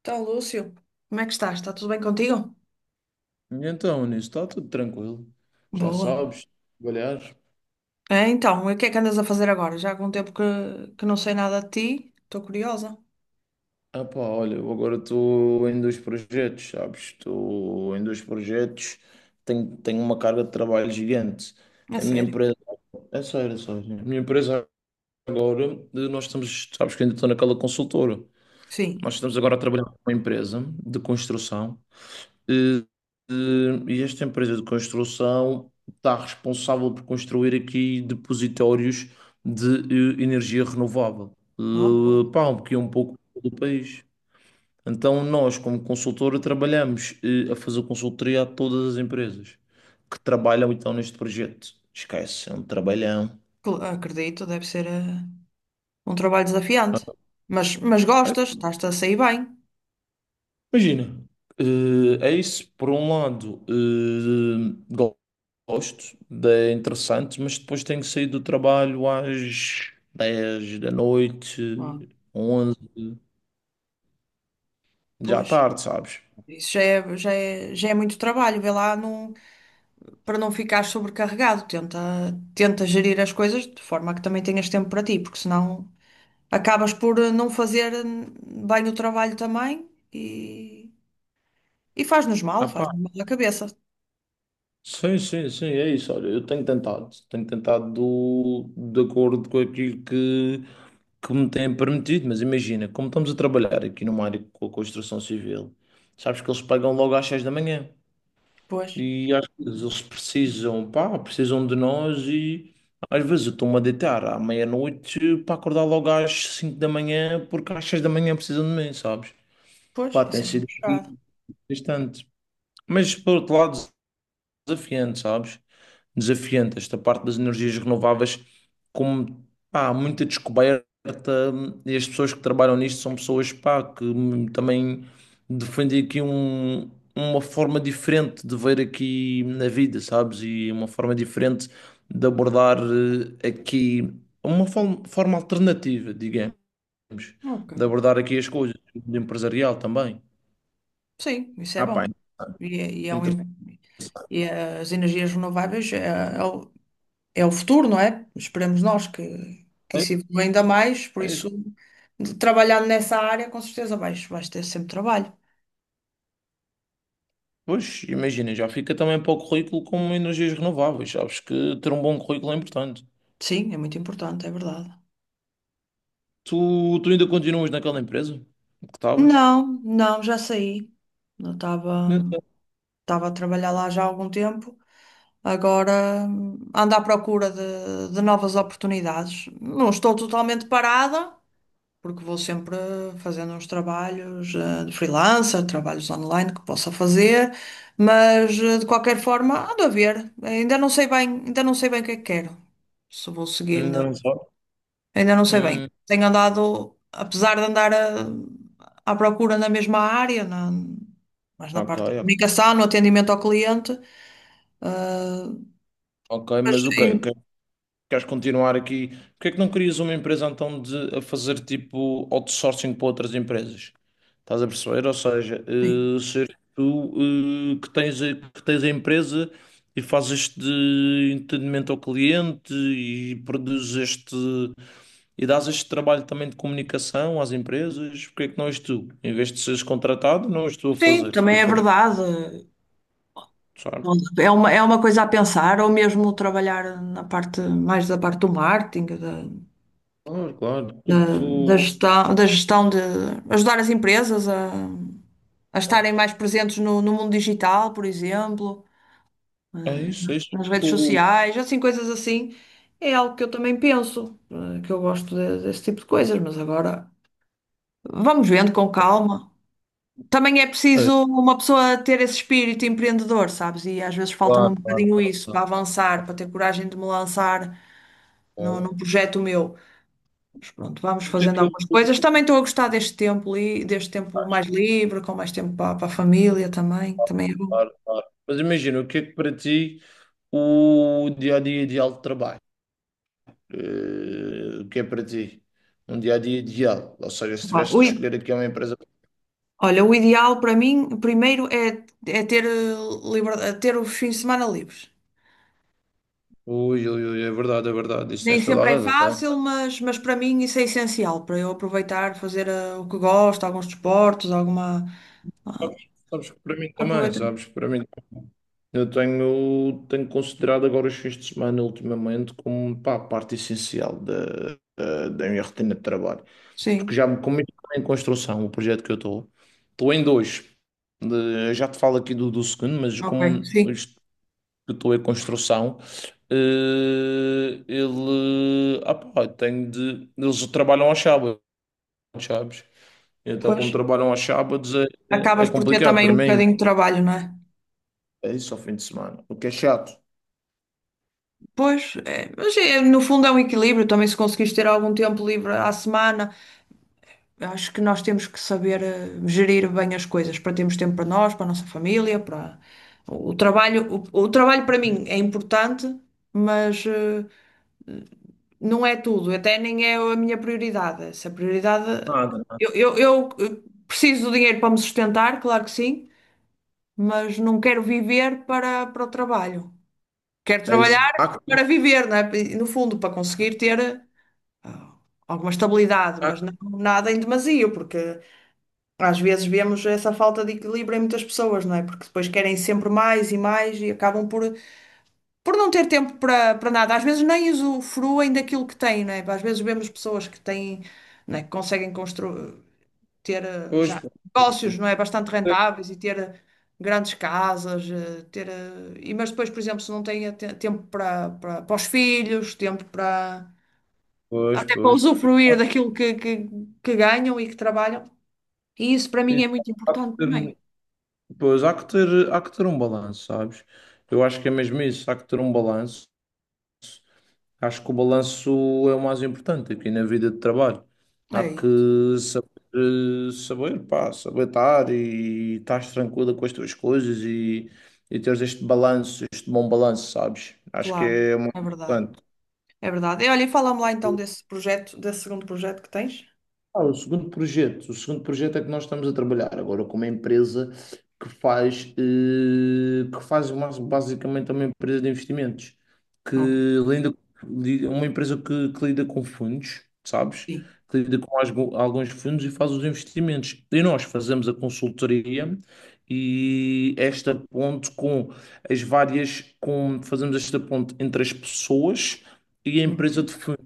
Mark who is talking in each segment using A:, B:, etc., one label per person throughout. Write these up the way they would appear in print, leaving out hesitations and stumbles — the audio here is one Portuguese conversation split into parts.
A: Então, Lúcio, como é que estás? Está tudo bem contigo?
B: Então, nisso está tudo tranquilo. Já
A: Boa.
B: sabes, trabalhar.
A: É, então, e o que é que andas a fazer agora? Já há algum tempo que não sei nada de ti, estou curiosa.
B: Ah pá, olha, eu agora estou em dois projetos, sabes? Estou em dois projetos, tenho uma carga de trabalho gigante.
A: É
B: A minha
A: sério.
B: empresa, é sério, é sério. A minha empresa agora, nós estamos, sabes que ainda estou naquela consultora. Nós
A: Sim.
B: estamos agora a trabalhar com uma empresa de construção. E, e esta empresa de construção está responsável por construir aqui depositórios de energia renovável.
A: Ah, boa.
B: Um pouquinho um pouco do país. Então nós, como consultora, trabalhamos a fazer consultoria a todas as empresas que trabalham então neste projeto. Esquece, é um trabalhão.
A: Acredito, deve ser um trabalho desafiante. Mas gostas, estás-te a sair bem.
B: Imagina, é isso, por um lado, gosto, é interessante, mas depois tenho que sair do trabalho às 10 da
A: Ah,
B: noite, 11 já à
A: pois.
B: tarde, sabes?
A: Isso já é, já é, já é muito trabalho, vê lá não, para não ficar sobrecarregado. Tenta gerir as coisas de forma que também tenhas tempo para ti, porque senão acabas por não fazer bem o trabalho também e
B: Ah, pá,
A: faz-nos mal à cabeça.
B: sim, sim, sim, é isso, olha, eu tenho tentado de acordo com aquilo que me têm permitido, mas imagina, como estamos a trabalhar aqui numa área com a construção civil, sabes que eles pagam logo às 6 da manhã.
A: Pois,
B: E às vezes eles precisam, pá, precisam de nós e às vezes eu estou-me a deitar à meia-noite para acordar logo às 5 da manhã porque às 6 da manhã precisam de mim, sabes?
A: pois,
B: Pá, tem
A: isso é muito
B: sido
A: puxado.
B: aqui bastante. Mas por outro lado, desafiante, sabes? Desafiante esta parte das energias renováveis, como pá, há muita descoberta e as pessoas que trabalham nisto são pessoas pá, que também defendem aqui uma forma diferente de ver aqui na vida, sabes? E uma forma diferente de abordar aqui, uma forma alternativa, digamos,
A: Ok.
B: de abordar aqui as coisas, do empresarial também.
A: Sim, isso é
B: Ah, pá,
A: bom. E, é e é um,
B: interessante.
A: im- e as energias renováveis é, é o, é o futuro, não é? Esperemos nós que isso evolua ainda mais, por isso, trabalhando nessa área, com certeza vais, vais ter sempre trabalho.
B: Pois, imagina, já fica também para o currículo como energias renováveis. Sabes que ter um bom currículo é importante.
A: Sim, é muito importante, é verdade.
B: Tu ainda continuas naquela empresa que estavas?
A: Não, não, já saí. Não estava.
B: Ainda não.
A: Estava a trabalhar lá já há algum tempo. Agora ando à procura de novas oportunidades. Não estou totalmente parada, porque vou sempre fazendo uns trabalhos de freelancer, trabalhos online que possa fazer, mas de qualquer forma ando a ver. Ainda não sei bem, ainda não sei bem o que é que quero. Se vou seguir
B: Ainda
A: na.
B: não sabe.
A: Ainda não sei bem.
B: Hum,
A: Tenho andado, apesar de à procura na mesma área, mas na
B: ok,
A: parte de
B: ok.
A: comunicação, no atendimento ao cliente. Ah,
B: Ok,
A: mas,
B: mas o quê?
A: em-
B: Que- Queres continuar aqui? Porque é que não crias uma empresa então de, a fazer tipo outsourcing para outras empresas? Estás a perceber? Ou seja,
A: sim.
B: ser tu que tens, que tens a empresa e fazes este entendimento ao cliente e produzes este. E dás este trabalho também de comunicação às empresas, porque é que não és tu? Em vez de seres contratado, não és tu a
A: Sim,
B: fazer. E
A: também
B: a
A: é verdade.
B: forçar.
A: É uma coisa a pensar, ou mesmo trabalhar na parte mais da parte do marketing,
B: Claro, claro. Tipo,
A: da gestão de ajudar as empresas a estarem mais presentes no, no mundo digital, por exemplo, eh,
B: é isso, é isso.
A: nas redes
B: Tu...
A: sociais, assim, coisas assim. É algo que eu também penso, que eu desse tipo de coisas, mas agora vamos vendo com calma. Também é
B: É,
A: preciso uma pessoa ter esse espírito empreendedor, sabes? E às vezes falta-me um
B: claro, claro,
A: bocadinho
B: claro,
A: isso para
B: claro.
A: avançar, para ter coragem de me lançar num, num
B: Claro.
A: projeto meu. Mas pronto, vamos
B: O que é
A: fazendo algumas
B: que-
A: coisas. Também estou a gostar deste deste tempo mais livre, com mais tempo para, para a família também. Também é bom.
B: claro, claro. Mas imagina, o que é que para ti o dia-a-dia ideal de trabalho? O que é para ti? Um dia-a-dia ideal. Ou seja, se
A: Pá,
B: tivesse de escolher aqui uma empresa.
A: olha, o ideal para mim, primeiro, é, é ter, é ter os fins de semana livres.
B: Ui, ui, ui, é verdade, é verdade. Isso
A: Nem
B: tens toda a
A: sempre é
B: razão.
A: fácil, mas para mim isso é essencial, para eu aproveitar, fazer o que gosto, alguns desportos, alguma, ah,
B: Sabes que para mim também,
A: aproveitar.
B: sabes que para mim eu tenho considerado agora os fins de semana ultimamente como pá, parte essencial da minha rotina de trabalho. Porque
A: Sim,
B: já me cometi em construção o projeto que eu estou. Estou em dois. De- já te falo aqui do segundo, mas
A: ok,
B: como
A: sim.
B: este que eu estou em construção, ele ah, pá, tenho de. Eles trabalham aos sábados, sabes? Então,
A: Pois.
B: como trabalham aos sábados, é, é
A: Acabas por ter
B: complicado
A: também
B: para
A: um
B: mim.
A: bocadinho de trabalho, não é?
B: É isso ao fim de semana. O que é chato.
A: Pois, é, mas é, no fundo é um equilíbrio também se conseguires ter algum tempo livre à semana. Eu acho que nós temos que saber gerir bem as coisas para termos tempo para nós, para a nossa família, para o trabalho. O trabalho para mim é importante, mas, não é tudo, até nem é a minha prioridade. Se a prioridade.
B: Nada,
A: Eu,
B: nada.
A: eu, eu preciso do dinheiro para me sustentar, claro que sim, mas não quero viver para, para o trabalho. Quero
B: É
A: trabalhar
B: isso.
A: para viver, não é? No fundo, para conseguir ter, ah, alguma estabilidade,
B: Há
A: mas
B: que-
A: não nada em demasia, porque às vezes vemos essa falta de equilíbrio em muitas pessoas, não é? Porque depois querem sempre mais e mais e acabam por não ter tempo para para nada, às vezes nem usufruem daquilo que têm, não é? Às vezes vemos pessoas que têm, não é, que conseguem construir, ter
B: Pois,
A: já
B: pois,
A: negócios, não é?
B: pois,
A: Bastante rentáveis e ter, grandes casas, ter, e, mas depois, por exemplo, se não têm tempo para, para, para os filhos, tempo para,
B: pois,
A: até para
B: pois, pois.
A: usufruir daquilo que ganham e que trabalham. E
B: Pois.
A: isso para mim é muito
B: Há que
A: importante
B: ter,
A: também.
B: um, pois, há que ter um balanço, sabes? Eu acho que é mesmo isso, há que ter um balanço. Acho que o balanço é o mais importante aqui na vida de trabalho. Há
A: É
B: que
A: isso,
B: saber, saber, pá, saber estar e estar tranquila com as tuas coisas e teres este balanço, este bom balanço, sabes? Acho que
A: claro,
B: é
A: é
B: muito
A: verdade.
B: importante.
A: É verdade. E olha, e fala-me lá então desse projeto, desse segundo projeto que tens.
B: Ah, o segundo projeto é que nós estamos a trabalhar agora com uma empresa que faz, basicamente uma empresa de investimentos, que
A: Ok.
B: lida, uma empresa que lida com fundos, sabes?
A: Sim.
B: Que lida com alguns fundos e faz os investimentos. E nós fazemos a consultoria e esta ponte com as várias, com, fazemos esta ponte entre as pessoas e a empresa
A: Uhum.
B: de fundos.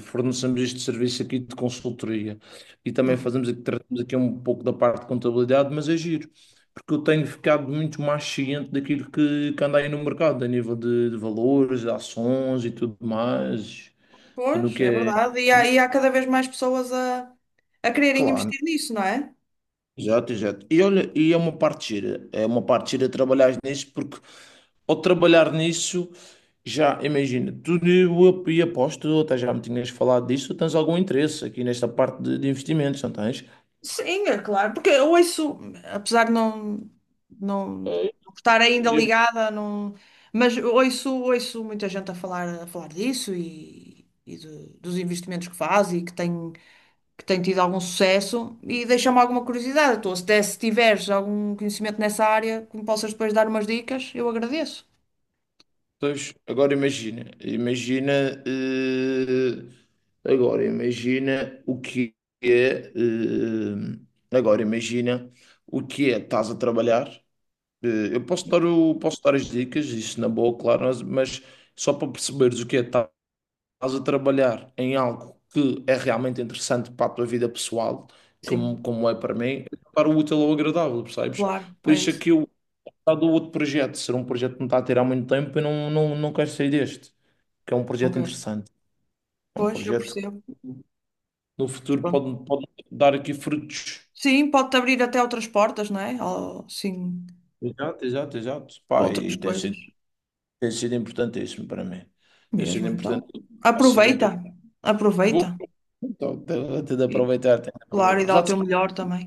B: Fornecemos este serviço aqui de consultoria e também
A: Uhum.
B: fazemos aqui, tratamos aqui um pouco da parte de contabilidade, mas é giro, porque eu tenho ficado muito mais ciente daquilo que anda aí no mercado, a nível de valores, de ações e tudo mais, e no
A: Pois,
B: que
A: é
B: é.
A: verdade. E há cada vez mais pessoas a quererem
B: Claro,
A: investir nisso, não é?
B: exato, exato. E olha, e é uma parte gira, é uma parte gira trabalhar nisso, porque ao trabalhar nisso, já imagina, e aposto, até já me tinhas falado disso, tens algum interesse aqui nesta parte de investimentos, não tens?
A: Sim, é claro. Porque eu ouço, apesar de não, não estar ainda
B: É,
A: ligada, não, mas ouço, ouço muita gente a falar disso e, dos investimentos que faz e que tem tido algum sucesso. E deixa-me alguma curiosidade. Tu, se tiveres algum conhecimento nessa área, que me possas depois dar umas dicas, eu agradeço.
B: pois, agora imagina, imagina, agora imagina o que é, agora imagina o que é, estás a trabalhar. Eu posso posso dar as dicas, isso na boa, claro, mas só para perceberes o que é, estás a trabalhar em algo que é realmente interessante para a tua vida pessoal, como,
A: Sim,
B: como é para mim, para o útil ou agradável, percebes?
A: claro,
B: Por
A: é
B: isso é
A: isso.
B: que eu está do outro projeto, ser um projeto que me está a tirar muito tempo e não, não, não quero sair deste, que é um
A: Ok.
B: projeto interessante, é um
A: Pois, eu
B: projeto
A: percebo.
B: que no
A: Mas
B: futuro
A: pronto.
B: pode dar aqui frutos.
A: Sim, pode-te abrir até outras portas, não é? Ou, sim,
B: Exato, exato, exato. Pá,
A: outras
B: e
A: coisas.
B: tem sido importantíssimo para mim. Tem
A: Mesmo,
B: sido
A: então.
B: importante. A seguinte,
A: Aproveita.
B: vou
A: Aproveita.
B: então, tenho de
A: E,
B: aproveitar, tenho de
A: claro,
B: aproveitar.
A: e dá
B: Apesar
A: o
B: de
A: teu
B: ser-
A: melhor também.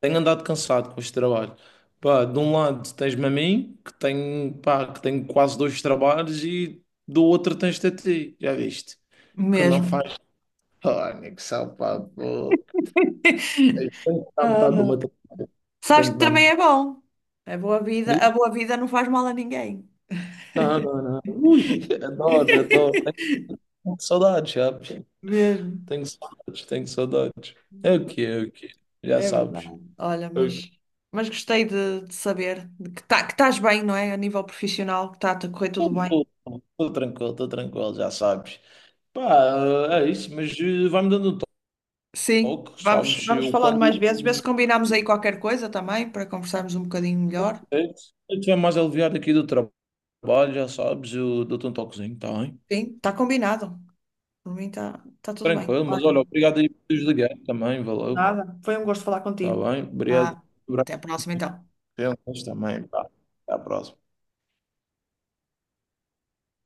B: tenho andado cansado com este trabalho. Pá, de um lado tens-me a mim, que tenho, pá, que tenho quase dois trabalhos, e do outro tens-te a ti, já viste? Que não
A: Mesmo.
B: faz. Oh, nego, salva a boca. Tenho que dar metade do meu
A: Ah,
B: trabalho.
A: sabes
B: Tenho
A: que
B: que dar
A: também
B: metade.
A: é bom. A
B: Diz?
A: boa vida não faz mal a ninguém.
B: Não, não, não. Ui, adoro, adoro. Tenho saudades, sabes?
A: Mesmo.
B: Tenho saudades, tenho saudades. É o que é, o que é. Já
A: É
B: sabes.
A: verdade. Olha,
B: É o quê?
A: mas gostei de saber de que, tá, que estás bem, não é? A nível profissional, que está a correr tudo bem.
B: Estou tranquilo, já sabes. Pá, é isso, mas vai-me dando um
A: Sim,
B: toque,
A: vamos,
B: sabes?
A: vamos
B: Eu
A: falando mais
B: quando
A: vezes, ver
B: hum,
A: se combinamos aí qualquer coisa também, para conversarmos um bocadinho melhor.
B: eu estiver mais aliviado aqui do trabalho, já sabes, eu dou-te um toquezinho, tá bem?
A: Sim, está combinado. Por mim está tá tudo bem.
B: Tranquilo, mas
A: Olha,
B: olha, obrigado aí por teres ligado também, valeu.
A: nada. Foi um gosto falar
B: Está
A: contigo.
B: bem, obrigado
A: Ah,
B: por
A: até a próxima então.
B: abrir as também. Pá. Até à próxima.